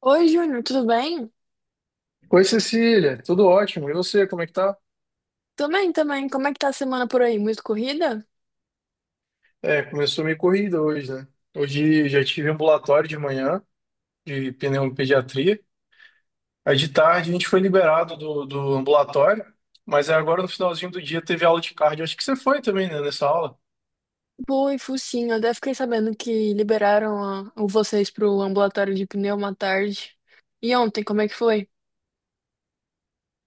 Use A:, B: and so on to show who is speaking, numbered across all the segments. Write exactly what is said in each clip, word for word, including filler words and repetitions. A: Oi, Júnior, tudo bem?
B: Oi, Cecília, tudo ótimo. E você, como é que tá?
A: Também, também. Como é que tá a semana por aí? Muito corrida?
B: É, começou meio corrida hoje, né? Hoje já tive ambulatório de manhã, de pneumopediatria. Aí de tarde a gente foi liberado do, do ambulatório, mas aí agora no finalzinho do dia teve aula de cardio. Acho que você foi também, né, nessa aula.
A: Pô, e focinho, eu até fiquei sabendo que liberaram a- o vocês pro ambulatório de pneu uma tarde. E ontem, como é que foi?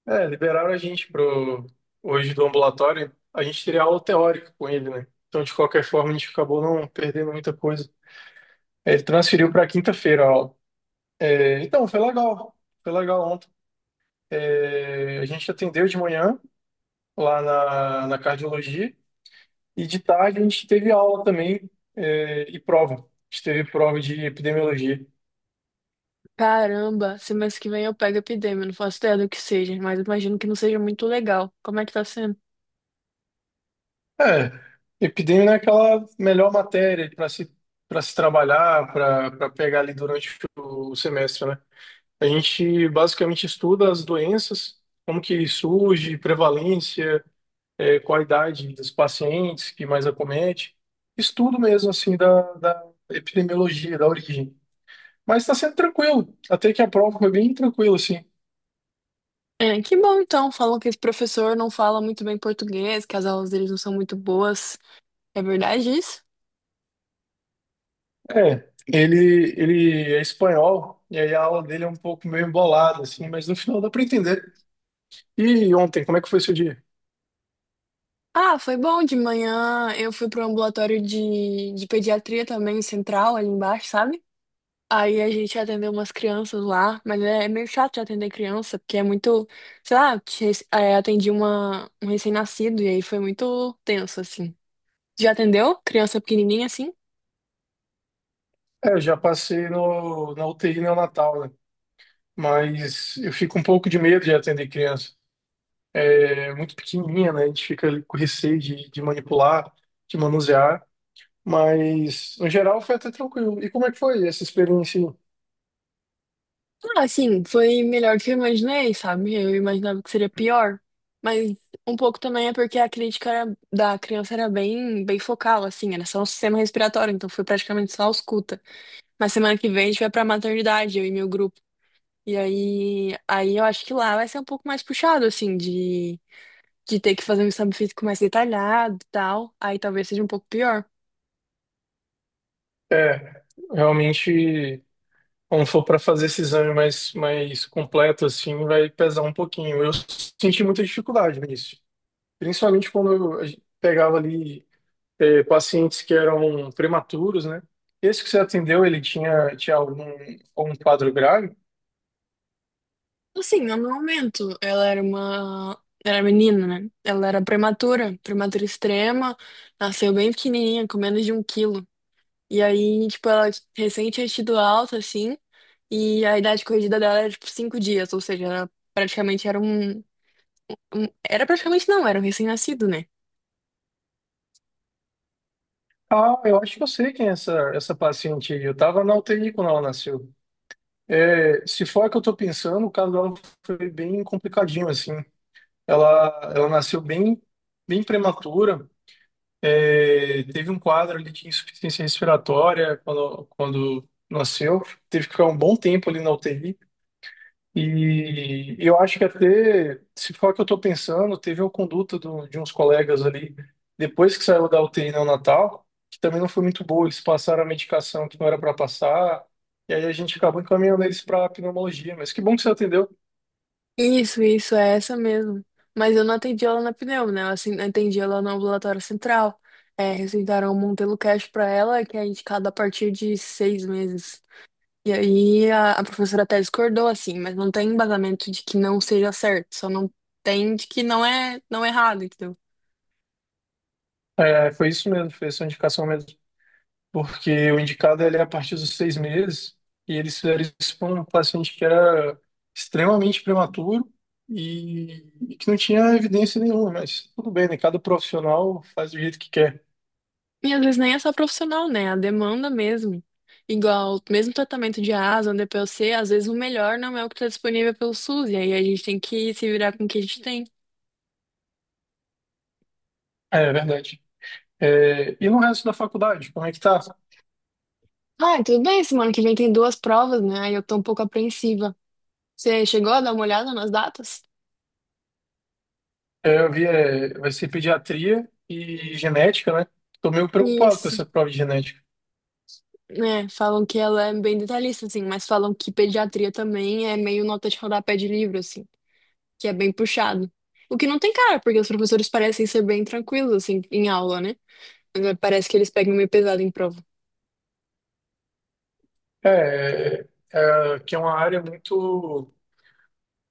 B: É, liberaram a gente pro, hoje do ambulatório. A gente teria aula teórica com ele, né? Então, de qualquer forma, a gente acabou não perdendo muita coisa. Ele transferiu para quinta-feira a aula. É, então, foi legal. Foi legal. É, a gente atendeu de manhã lá na, na cardiologia e de tarde a gente teve aula também é, e prova. A gente teve prova de epidemiologia.
A: Caramba, semana que vem eu pego epidemia, não faço ideia do que seja, mas imagino que não seja muito legal. Como é que tá sendo?
B: É, epidemia não é aquela melhor matéria para se, para se trabalhar, para para pegar ali durante o semestre, né? A gente basicamente estuda as doenças, como que surge, prevalência, é, qual a idade dos pacientes que mais acomete. Estudo mesmo, assim, da, da epidemiologia, da origem. Mas tá sendo tranquilo. Até que a prova foi bem tranquila, assim.
A: É, que bom então, falam que esse professor não fala muito bem português, que as aulas deles não são muito boas. É verdade isso?
B: É, ele, ele é espanhol, e aí a aula dele é um pouco meio embolada, assim, mas no final dá pra entender. E ontem, como é que foi seu dia?
A: Ah, foi bom de manhã. Eu fui pro ambulatório de, de pediatria também, central, ali embaixo, sabe? Aí a gente atendeu umas crianças lá, mas é, é meio chato de atender criança, porque é muito, sei lá, te- é, atendi uma, um recém-nascido e aí foi muito tenso, assim. Já atendeu? Criança pequenininha, assim?
B: É, eu já passei no, na uti neonatal, né? Mas eu fico um pouco de medo de atender criança. É muito pequenininha, né? A gente fica ali com receio de, de manipular, de manusear. Mas, no geral, foi até tranquilo. E como é que foi essa experiência aí?
A: Ah, assim, foi melhor do que eu imaginei, sabe? Eu imaginava que seria pior. Mas um pouco também é porque a crítica era- da criança era bem, bem focal, assim, era só o sistema respiratório, então foi praticamente só ausculta. Mas semana que vem a gente vai pra maternidade, eu e meu grupo. E aí, aí eu acho que lá vai ser um pouco mais puxado, assim, de, de ter que fazer um exame físico mais detalhado e tal. Aí talvez seja um pouco pior.
B: É, realmente. Quando for para fazer esse exame mais, mais completo, assim, vai pesar um pouquinho. Eu senti muita dificuldade nisso, principalmente quando eu a gente pegava ali eh, pacientes que eram prematuros, né? Esse que você atendeu, ele tinha, tinha algum, algum quadro grave?
A: Assim, no meu momento, ela era uma. Era menina, né? Ela era prematura, prematura extrema, nasceu bem pequenininha, com menos de um quilo. E aí, tipo, ela recém tinha tido alta, assim, e a idade corrigida dela era, tipo, cinco dias, ou seja, ela praticamente era um. um- Era praticamente não, era um recém-nascido, né?
B: Ah, eu acho que eu sei quem é essa, essa paciente aí. Eu estava na uti quando ela nasceu. É, se for a que eu estou pensando, o caso dela foi bem complicadinho, assim. Ela, ela nasceu bem, bem prematura. É, teve um quadro ali de insuficiência respiratória quando, quando nasceu, teve que ficar um bom tempo ali na uti. E eu acho que até, se for o que eu estou pensando, teve uma conduta do- de uns colegas ali, depois que saiu da uti neonatal, que também não foi muito boa. Eles passaram a medicação que não era para passar, e aí a gente acabou encaminhando eles para pneumologia. Mas que bom que você atendeu.
A: Isso, isso, é essa mesmo. Mas eu não atendi ela na pneu, né? Eu assim, atendi ela no ambulatório central. É, receitaram o Montelo Cash pra ela, que é indicado a partir de seis meses. E aí a, a professora até discordou, assim, mas não tem embasamento de que não seja certo, só não tem de que não é, não é errado, entendeu?
B: É, foi isso mesmo, foi essa indicação mesmo, porque o indicado ele é a partir dos seis meses, e eles fizeram isso para um paciente que era extremamente prematuro e, e que não tinha evidência nenhuma, mas tudo bem, né? Cada profissional faz do jeito que quer.
A: E às vezes nem é só profissional, né? A demanda mesmo. Igual, mesmo tratamento de asa, D P O C, às vezes o melhor não é o que está disponível pelo SUS, e aí a gente tem que se virar com o que a gente tem.
B: É, é verdade. É, e no resto da faculdade, como é que tá?
A: Ah, tudo bem, semana que vem tem duas provas, né? Aí eu tô um pouco apreensiva. Você chegou a dar uma olhada nas datas?
B: É, eu vi, é, vai ser pediatria e genética, né? Tô meio preocupado com
A: Isso,
B: essa prova de genética.
A: né? Falam que ela é bem detalhista, assim, mas falam que pediatria também é meio nota de rodapé de livro, assim, que é bem puxado. O que não tem cara, porque os professores parecem ser bem tranquilos, assim, em aula, né? Mas é, parece que eles pegam meio pesado em prova.
B: É, é, é, que é uma área muito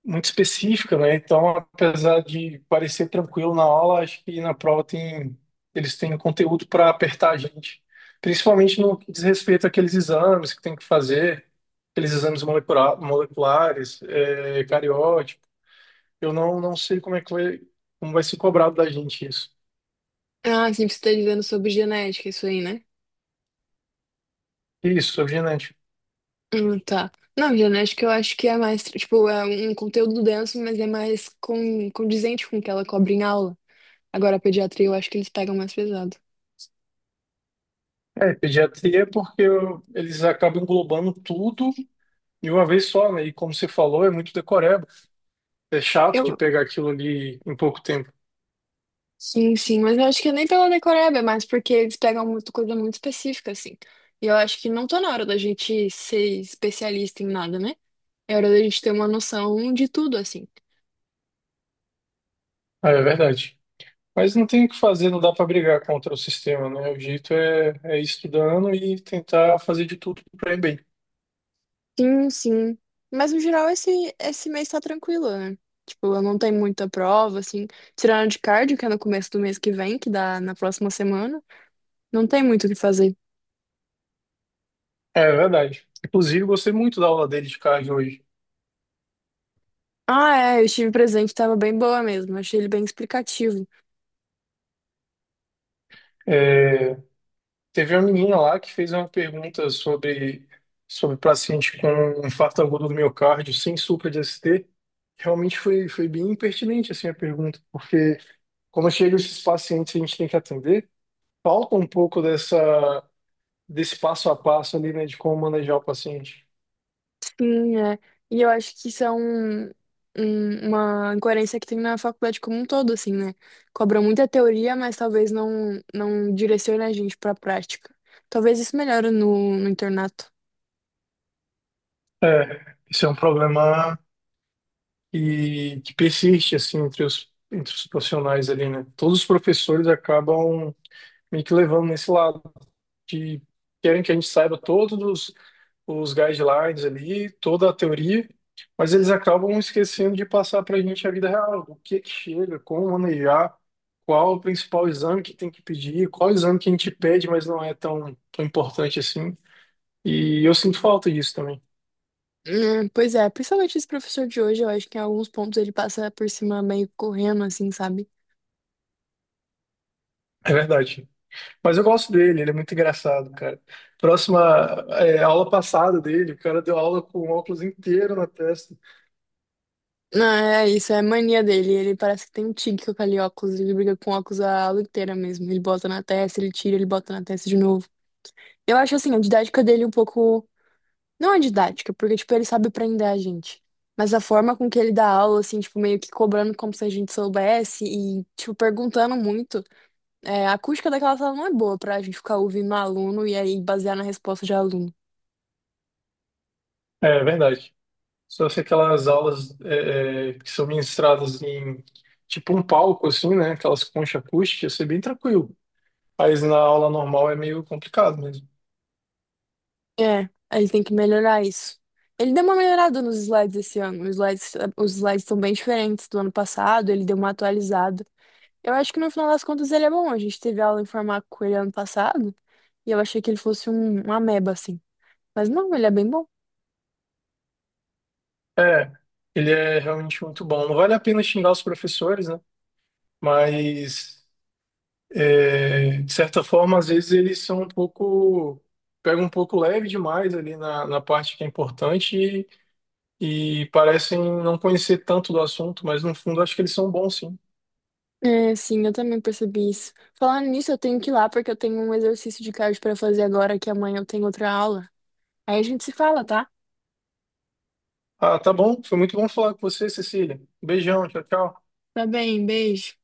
B: muito específica, né? Então, apesar de parecer tranquilo na aula, acho que na prova tem, eles têm conteúdo para apertar a gente, principalmente no que diz respeito àqueles exames que tem que fazer, aqueles exames molecula- moleculares, é, cariótipo. Eu não, não sei como é que vai, como vai ser cobrado da gente isso.
A: Ah, sim, você tá dizendo sobre genética, isso aí, né?
B: Isso, sobre genética.
A: Hum, tá. Não, genética eu acho que é mais, tipo, é um conteúdo denso, mas é mais com condizente com o que ela cobre em aula. Agora, a pediatria eu acho que eles pegam mais pesado.
B: É, pediatria, é porque eu- eles acabam englobando tudo de uma vez só, né? E como você falou, é muito decoreba. É chato de
A: Eu,
B: pegar aquilo ali em pouco tempo.
A: sim, sim, mas eu acho que é nem pela decoreba, é mais porque eles pegam muito coisa muito específica, assim. E eu acho que não tá na hora da gente ser especialista em nada, né? É hora da gente ter uma noção de tudo, assim.
B: Ah, é verdade. Mas não tem o que fazer, não dá para brigar contra o sistema, né? O jeito é, é ir estudando e tentar fazer de tudo para ir bem.
A: Sim, sim. Mas no geral esse, esse mês tá tranquilo, né? Tipo, eu não tenho muita prova, assim. Tirando de cardio, que é no começo do mês que vem, que dá na próxima semana, não tem muito o que fazer.
B: É verdade. Inclusive, gostei muito da aula dele de cardio hoje.
A: Ah, é, eu estive presente, tava bem boa mesmo. Achei ele bem explicativo.
B: É, teve uma menina lá que fez uma pergunta sobre, sobre paciente com infarto agudo do miocárdio sem supra de S T. Realmente foi, foi bem impertinente assim, a pergunta, porque quando chegam esses pacientes que a gente tem que atender, falta um pouco dessa, desse passo a passo ali, né, de como manejar o paciente.
A: Sim, é. E eu acho que isso é um, um- uma incoerência que tem na faculdade como um todo, assim, né? Cobra muita teoria, mas talvez não, não direcione a gente pra prática. Talvez isso melhore no, no internato.
B: É, isso é um problema que, que persiste assim entre os, entre os profissionais ali, né? Todos os professores acabam meio que levando nesse lado que querem que a gente saiba todos os, os guidelines ali, toda a teoria, mas eles acabam esquecendo de passar para a gente a vida real, o que que chega, como manejar, qual o principal exame que tem que pedir, qual exame que a gente pede, mas não é tão, tão importante assim. E eu sinto falta disso também.
A: Hum, Pois é, principalmente esse professor de hoje, eu acho que em alguns pontos ele passa por cima meio correndo, assim, sabe?
B: É verdade. Mas eu gosto dele, ele é muito engraçado, cara. Próxima, é, aula passada dele, o cara deu aula com o óculos inteiro na testa.
A: Não, é isso, é mania dele. Ele parece que tem um tique com aquele óculos, ele briga com óculos a aula inteira mesmo. Ele bota na testa, ele tira, ele bota na testa de novo. Eu acho, assim, a didática dele um pouco. Não é didática, porque, tipo, ele sabe prender a gente. Mas a forma com que ele dá aula, assim, tipo, meio que cobrando como se a gente soubesse e, tipo, perguntando muito. É, a acústica daquela sala não é boa pra gente ficar ouvindo um aluno e aí basear na resposta de aluno.
B: É, é verdade. Só se aquelas aulas é, é, que são ministradas em tipo um palco, assim, né? Aquelas conchas acústicas, isso é bem tranquilo. Mas na aula normal é meio complicado mesmo.
A: É, aí ele tem que melhorar isso. Ele deu uma melhorada nos slides esse ano. Os slides, os slides estão bem diferentes do ano passado, ele deu uma atualizada. Eu acho que no final das contas ele é bom. A gente teve aula em farmácia com ele ano passado e eu achei que ele fosse um, um ameba, assim. Mas não, ele é bem bom.
B: É, ele é realmente muito bom. Não vale a pena xingar os professores, né? Mas é, de certa forma, às vezes eles são um pouco, pegam um pouco leve demais ali na, na parte que é importante e, e parecem não conhecer tanto do assunto, mas no fundo acho que eles são bons sim.
A: É, sim, eu também percebi isso. Falando nisso, eu tenho que ir lá porque eu tenho um exercício de cardio para fazer agora, que amanhã eu tenho outra aula. Aí a gente se fala, tá?
B: Ah, tá bom, foi muito bom falar com você, Cecília. Beijão, tchau, tchau.
A: Tá bem, beijo.